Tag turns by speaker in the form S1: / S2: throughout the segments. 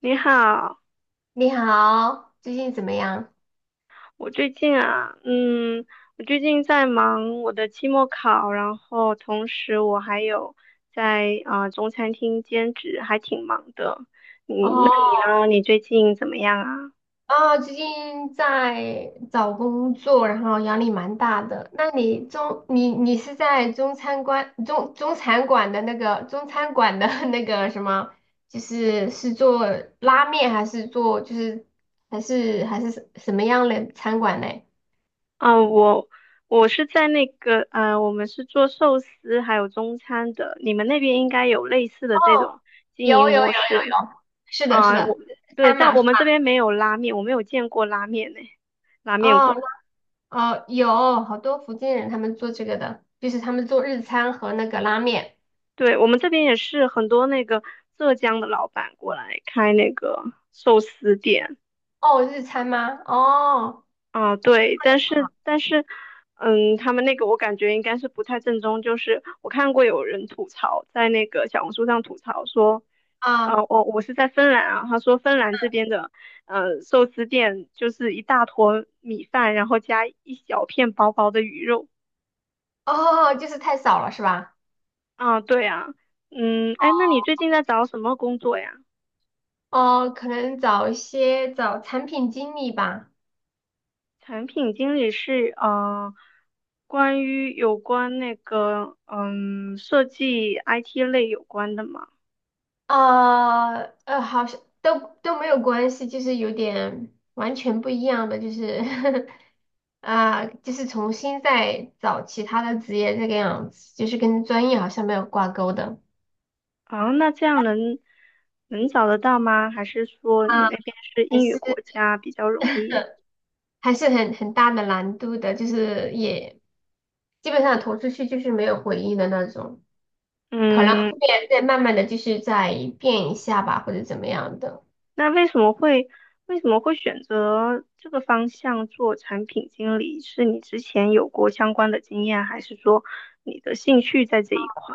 S1: 你好，
S2: 你好，最近怎么样？
S1: 我最近啊，嗯，我最近在忙我的期末考，然后同时我还有在中餐厅兼职，还挺忙的。你那你
S2: 哦，
S1: 呢？你最近怎么样啊？
S2: 啊，最近在找工作，然后压力蛮大的。那你是在中餐馆中中餐馆的那个中餐馆的 那个什么，就是做拉面还是做就是还是还是什什么样的餐馆嘞？
S1: 啊、我我是在那个我们是做寿司还有中餐的，你们那边应该有类似的这
S2: 哦，
S1: 种经
S2: 有
S1: 营
S2: 有有有
S1: 模式。
S2: 有，是的，是
S1: 啊、
S2: 的，
S1: 我对，
S2: 餐
S1: 但
S2: 嘛
S1: 我
S2: 是吧？
S1: 们这边没有拉面，我没有见过拉面呢，拉面
S2: 哦
S1: 馆。
S2: 哦，有好多福建人他们做这个的，就是他们做日餐和那个拉面。
S1: 对，我们这边也是很多那个浙江的老板过来开那个寿司店。
S2: 哦，日餐吗？哦，
S1: 啊，对，但是他们那个我感觉应该是不太正宗，就是我看过有人吐槽在那个小红书上吐槽说，
S2: 啊，
S1: 我是在芬兰啊，他说芬兰这边的寿司店就是一大坨米饭，然后加一小片薄薄的鱼肉。
S2: 哦，就是太少了是吧？
S1: 啊，对啊，嗯，哎，那你最近在找什么工作呀？
S2: 哦，可能找一些找产品经理吧。
S1: 产品经理是有关那个设计 IT 类有关的嘛？
S2: 好像都没有关系，就是有点完全不一样的，就是 啊、就是重新再找其他的职业这个样子，就是跟专业好像没有挂钩的。
S1: 啊，那这样能找得到吗？还是说你
S2: 啊，
S1: 那边是
S2: 还
S1: 英语
S2: 是
S1: 国家比较容易？
S2: 还是很大的难度的，就是也基本上投出去就是没有回应的那种。可能后
S1: 嗯，
S2: 面再慢慢的就是再变一下吧，或者怎么样的，
S1: 那为什么会选择这个方向做产品经理？是你之前有过相关的经验，还是说你的兴趣在这一块？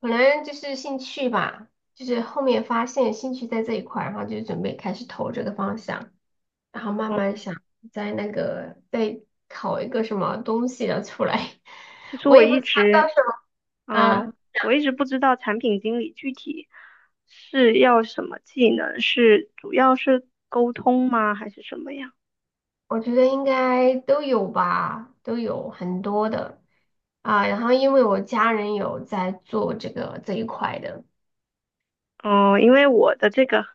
S2: 可能就是兴趣吧，就是后面发现兴趣在这一块儿然后就准备开始投这个方向，然后慢慢想在那个再考一个什么东西的出来，
S1: 其 实
S2: 我
S1: 我
S2: 也不
S1: 一
S2: 知道到
S1: 直
S2: 时候啊，
S1: 嗯，我一直不知道产品经理具体是要什么技能，是主要是沟通吗，还是什么呀？
S2: 我觉得应该都有吧，都有很多的啊，然后因为我家人有在做这个这一块的。
S1: 嗯，因为我的这个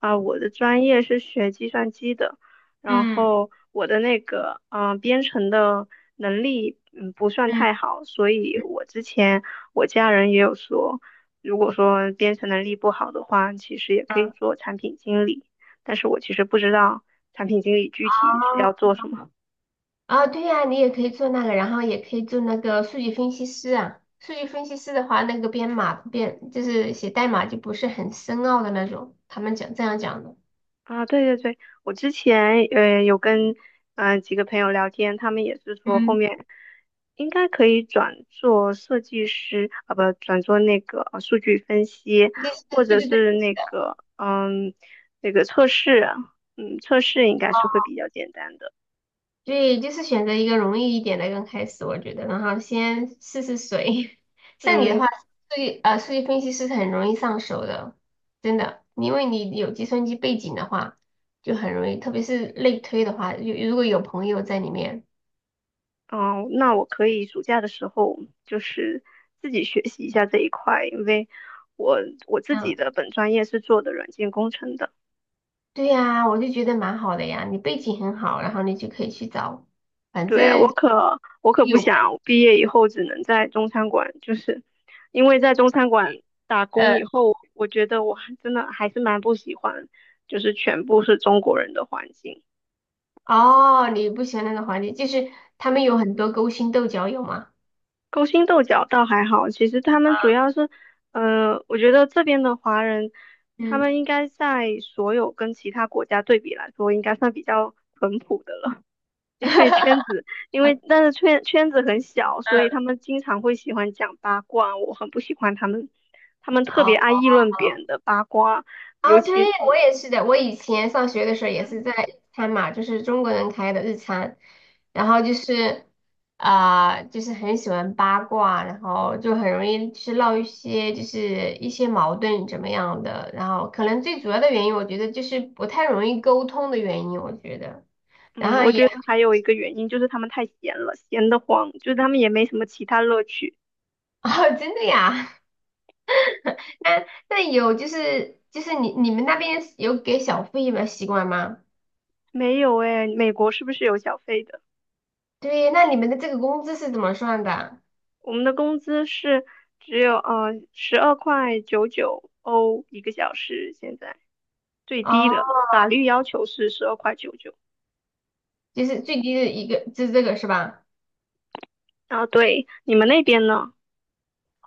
S1: 啊、我的专业是学计算机的，然
S2: 嗯
S1: 后我的那个编程的能力不算
S2: 嗯
S1: 太好，所以我之前我家人也有说，如果说编程能力不好的话，其实也可以
S2: 嗯，
S1: 做产品经理，但是我其实不知道产品经理具体是要做什么。
S2: 啊，对呀，你也可以做那个，然后也可以做那个数据分析师啊。数据分析师的话，那个编码就是写代码就不是很深奥的那种，他们讲这样讲的。
S1: 啊，对对对，我之前有跟几个朋友聊天，他们也是说后
S2: 嗯，
S1: 面应该可以转做设计师啊，不转做那个数据分析，
S2: 就
S1: 或
S2: 是对
S1: 者
S2: 对对，
S1: 是那个测试，测试应该是会比较简单的。
S2: 对，就是选择一个容易一点的刚开始，我觉得，然后先试试水。像你的
S1: 嗯，
S2: 话，数据分析师是很容易上手的，真的，因为你有计算机背景的话，就很容易，特别是类推的话，如果有朋友在里面。
S1: 哦，那我可以暑假的时候就是自己学习一下这一块，因为我我自己
S2: 嗯。
S1: 的本专业是做的软件工程的。
S2: 对呀，我就觉得蛮好的呀，你背景很好，然后你就可以去找，反
S1: 对，我
S2: 正
S1: 可我可不
S2: 有
S1: 想毕业以后只能在中餐馆，就是因为在中餐馆打工
S2: 呃
S1: 以后，我觉得我还真的还是蛮不喜欢，就是全部是中国人的环境。
S2: 哦，你不喜欢那个环境，就是他们有很多勾心斗角，有吗？
S1: 勾心斗角倒还好，其实他们主
S2: 啊，
S1: 要是，呃，我觉得这边的华人，他
S2: 嗯，
S1: 们应该在所有跟其他国家对比来说，应该算比较淳朴的了。因为圈 子，因为但是圈圈子很小，所以他们经常会喜欢讲八卦，我很不喜欢他们，他们特别爱
S2: 哦。
S1: 议论别人的八卦，尤
S2: 啊，对，
S1: 其
S2: 我
S1: 是，
S2: 也是的。我以前上学的时候也是在日餐嘛，就是中国人开的日餐，然后就是啊、就是很喜欢八卦，然后就很容易去闹一些矛盾怎么样的，然后可能最主要的原因，我觉得就是不太容易沟通的原因，我觉得。然
S1: 嗯，
S2: 后
S1: 我
S2: 也
S1: 觉得还有一个原因就是他们太闲了，闲得慌，就是他们也没什么其他乐趣。
S2: 哦，真的呀？那那有就是就是你你们那边有给小费的习惯吗？
S1: 没有诶，美国是不是有小费的？
S2: 对，那你们的这个工资是怎么算的？
S1: 我们的工资是只有12.99欧一个小时，现在最低的
S2: 哦
S1: 法律要求是十二块九九。
S2: 就是最低的一个，就是这个是吧？
S1: 啊，对，你们那边呢？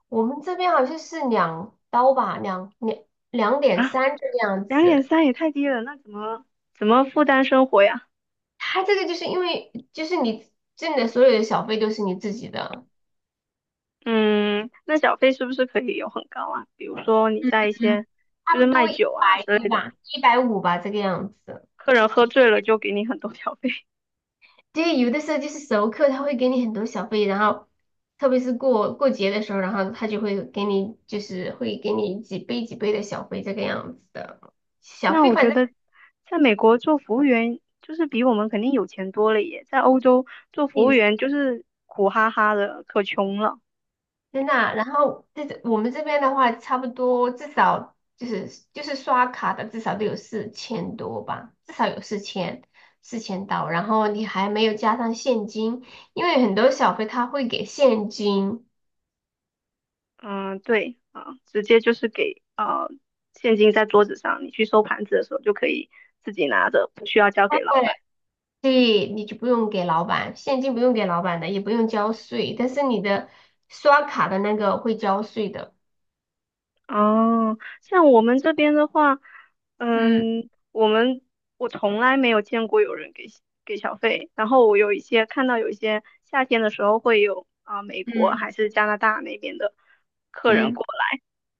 S2: 我们这边好像是两刀吧，两点
S1: 啊，
S2: 三这个样
S1: 两点
S2: 子。
S1: 三也太低了，那怎么负担生活呀？
S2: 它这个就是因为就是你挣的所有的小费都是你自己的，
S1: 嗯，那小费是不是可以有很高啊？比如说你在一
S2: 嗯，
S1: 些
S2: 差
S1: 就是
S2: 不
S1: 卖
S2: 多一
S1: 酒
S2: 百
S1: 啊之
S2: 多
S1: 类的，
S2: 吧，一百五吧这个样子。
S1: 客人喝醉了就给你很多小费。
S2: 对，有的时候就是熟客他会给你很多小费，然后特别是过节的时候，然后他就会给你几倍几倍的小费这个样子的。小
S1: 那
S2: 费
S1: 我
S2: 反
S1: 觉
S2: 正
S1: 得在美国做服务员就是比我们肯定有钱多了耶，在欧洲做服务
S2: 你。
S1: 员就是苦哈哈的，可穷了。
S2: 真的啊然后我们这边的话，差不多至少就是刷卡的，至少都有4000多吧，至少有四千刀。然后你还没有加上现金，因为很多小费他会给现金，
S1: 嗯，对啊，直接就是给啊，现金在桌子上，你去收盘子的时候就可以自己拿着，不需要交
S2: 对，
S1: 给老板。
S2: 所以你就不用给老板，现金不用给老板的，也不用交税，但是你的刷卡的那个会交税的。
S1: 哦，像我们这边的话，
S2: 嗯
S1: 嗯，我们我从来没有见过有人给小费，然后我有一些看到有一些夏天的时候会有啊、美国
S2: 嗯
S1: 还是加拿大那边的。客人
S2: 嗯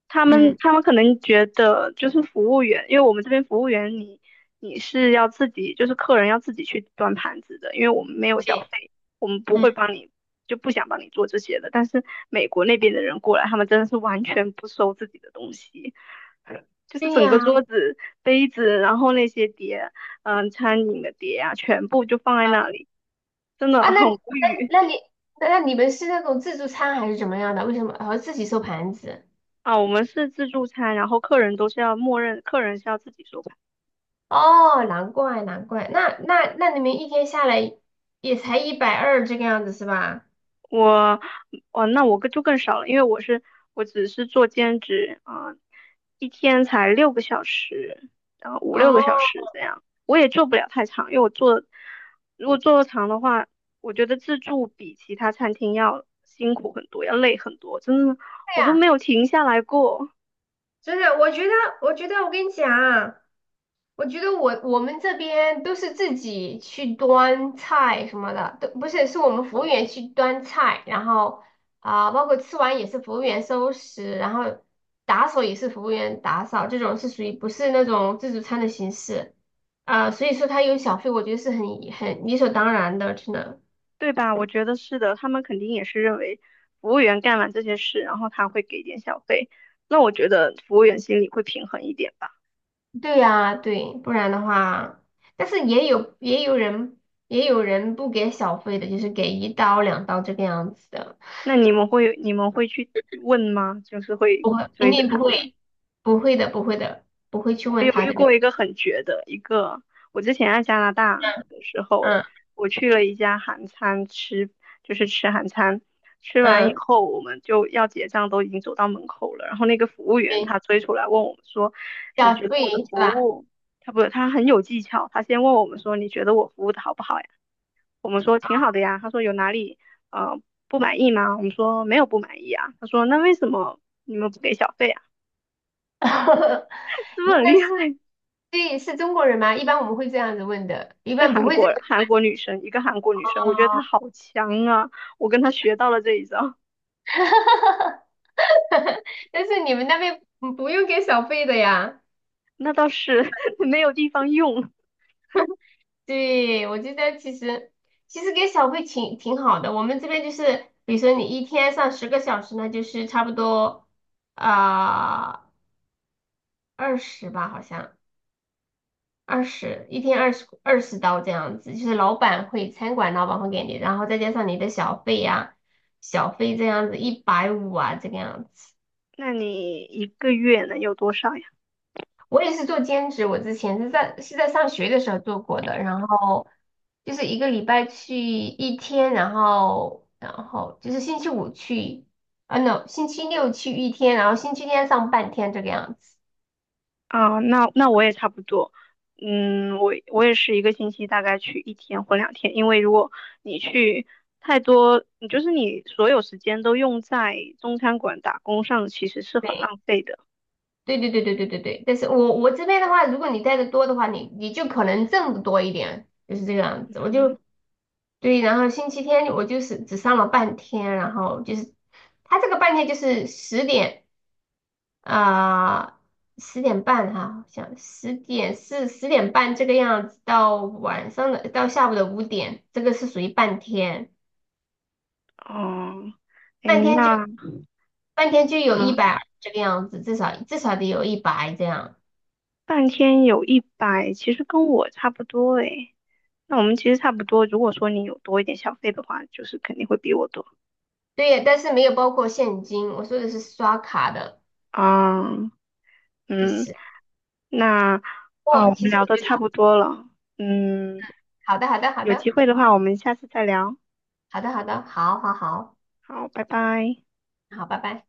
S1: 他们
S2: 嗯，
S1: 他们可能觉得就是服务员，因为我们这边服务员你是要自己，就是客人要自己去端盘子的，因为我们没有小
S2: 对，
S1: 费，我们不
S2: 嗯，
S1: 会帮你，就不想帮你做这些的。但是美国那边的人过来，他们真的是完全不收自己的东西，就是
S2: 对
S1: 整个
S2: 呀，
S1: 桌子、杯子，然后那些碟，餐饮的碟啊，全部就放在那里，真
S2: 啊，
S1: 的很无语。
S2: 那那你那你们是那种自助餐还是怎么样的？为什么自己收盘子？
S1: 啊，我们是自助餐，然后客人都是要默认，客人是要自己收。
S2: 哦，难怪难怪，那你们一天下来也才120这个样子是吧？
S1: 我，哦，那我更就更少了，因为我只是做兼职啊，一天才六个小时，然后五
S2: 哦，
S1: 六个小时这样，我也做不了太长，因为如果做的长的话，我觉得自助比其他餐厅要辛苦很多，要累很多，真的
S2: 对
S1: 我都没
S2: 呀，
S1: 有停下来过。
S2: 真的，我觉得我跟你讲，我觉得我们这边都是自己去端菜什么的，都不是，是我们服务员去端菜，然后啊、包括吃完也是服务员收拾，然后打扫也是服务员打扫，这种是属于不是那种自助餐的形式，啊、所以说他有小费，我觉得是很理所当然的，真的。
S1: 对吧？我觉得是的，他们肯定也是认为服务员干完这些事，然后他会给点小费，那我觉得服务员心里会平衡一点吧。
S2: 对呀、对，不然的话，但是也有人不给小费的，就是给1刀2刀这个样子的。
S1: 那你们会去问吗？就是会
S2: 不会，肯
S1: 追着
S2: 定不
S1: 他
S2: 会，
S1: 问。
S2: 不会的，不会的，不会去
S1: 我
S2: 问
S1: 有
S2: 他
S1: 遇
S2: 这个。
S1: 过一个很绝的，一个我之前在加拿大的时候，
S2: 嗯
S1: 我去了一家韩餐吃，就是吃韩餐。吃完以
S2: 嗯，
S1: 后，我们就要结账，都已经走到门口了。然后那个服务员
S2: 对，
S1: 他追出来问我们说：“你
S2: 叫
S1: 觉得我的
S2: 费是
S1: 服
S2: 吧？
S1: 务？”他不，他很有技巧。他先问我们说：“你觉得我服务的好不好呀？”我们说挺好的呀。他说有哪里呃不满意吗？我们说没有不满意啊。他说那为什么你们不给小费啊？是不是很厉
S2: 那是
S1: 害？
S2: 对，是中国人吗？一般我们会这样子问的，一
S1: 是
S2: 般不
S1: 韩
S2: 会这
S1: 国
S2: 个。
S1: 韩国女生，一个韩国女生，我觉得她
S2: 哦，
S1: 好强啊！我跟她学到了这一招，
S2: 但是你们那边不用给小费的呀？
S1: 那倒是 没有地方用。
S2: 对，我觉得其实给小费挺好的。我们这边就是，比如说你一天上10个小时，那就是差不多啊二十吧，好像。二十，一天二十刀这样子，就是老板会餐馆老板会给你，然后再加上你的小费这样子一百五啊这个样子。
S1: 那你一个月能有多少呀？
S2: 我也是做兼职，我之前是在上学的时候做过的，然后就是一个礼拜去一天，然后就是星期五去，啊 no，星期六去一天，然后星期天上半天这个样子。
S1: 啊，那我也差不多，嗯，我也是一个星期大概去一天或2天，因为如果你去太多，你就是你所有时间都用在中餐馆打工上，其实是很浪费的。
S2: 对对对对对对对，但是我这边的话，如果你带的多的话，你就可能挣的多一点，就是这个样子。我
S1: 嗯，
S2: 就对，然后星期天我就是只上了半天，然后就是他这个半天就是十点啊十点半哈、好像十点是十点半这个样子，到下午的5点，这个是属于半天。
S1: 哦，诶，
S2: 半天就
S1: 那
S2: 半天就有一
S1: 嗯，
S2: 百这个样子，至少得有一百这样。
S1: 半天有100，其实跟我差不多诶。那我们其实差不多，如果说你有多一点小费的话，就是肯定会比我多
S2: 对，但是没有包括现金，我说的是刷卡的。
S1: 啊。
S2: 其
S1: 嗯，
S2: 实，
S1: 那啊，我
S2: 哦，其
S1: 们
S2: 实
S1: 聊
S2: 我
S1: 的
S2: 觉得
S1: 差
S2: 差不
S1: 不
S2: 多。
S1: 多了，嗯，
S2: 好的，好的，好
S1: 有机
S2: 的，
S1: 会的话，我们下次再聊。
S2: 好的，好的，好好好，
S1: 好，拜拜。
S2: 好，拜拜。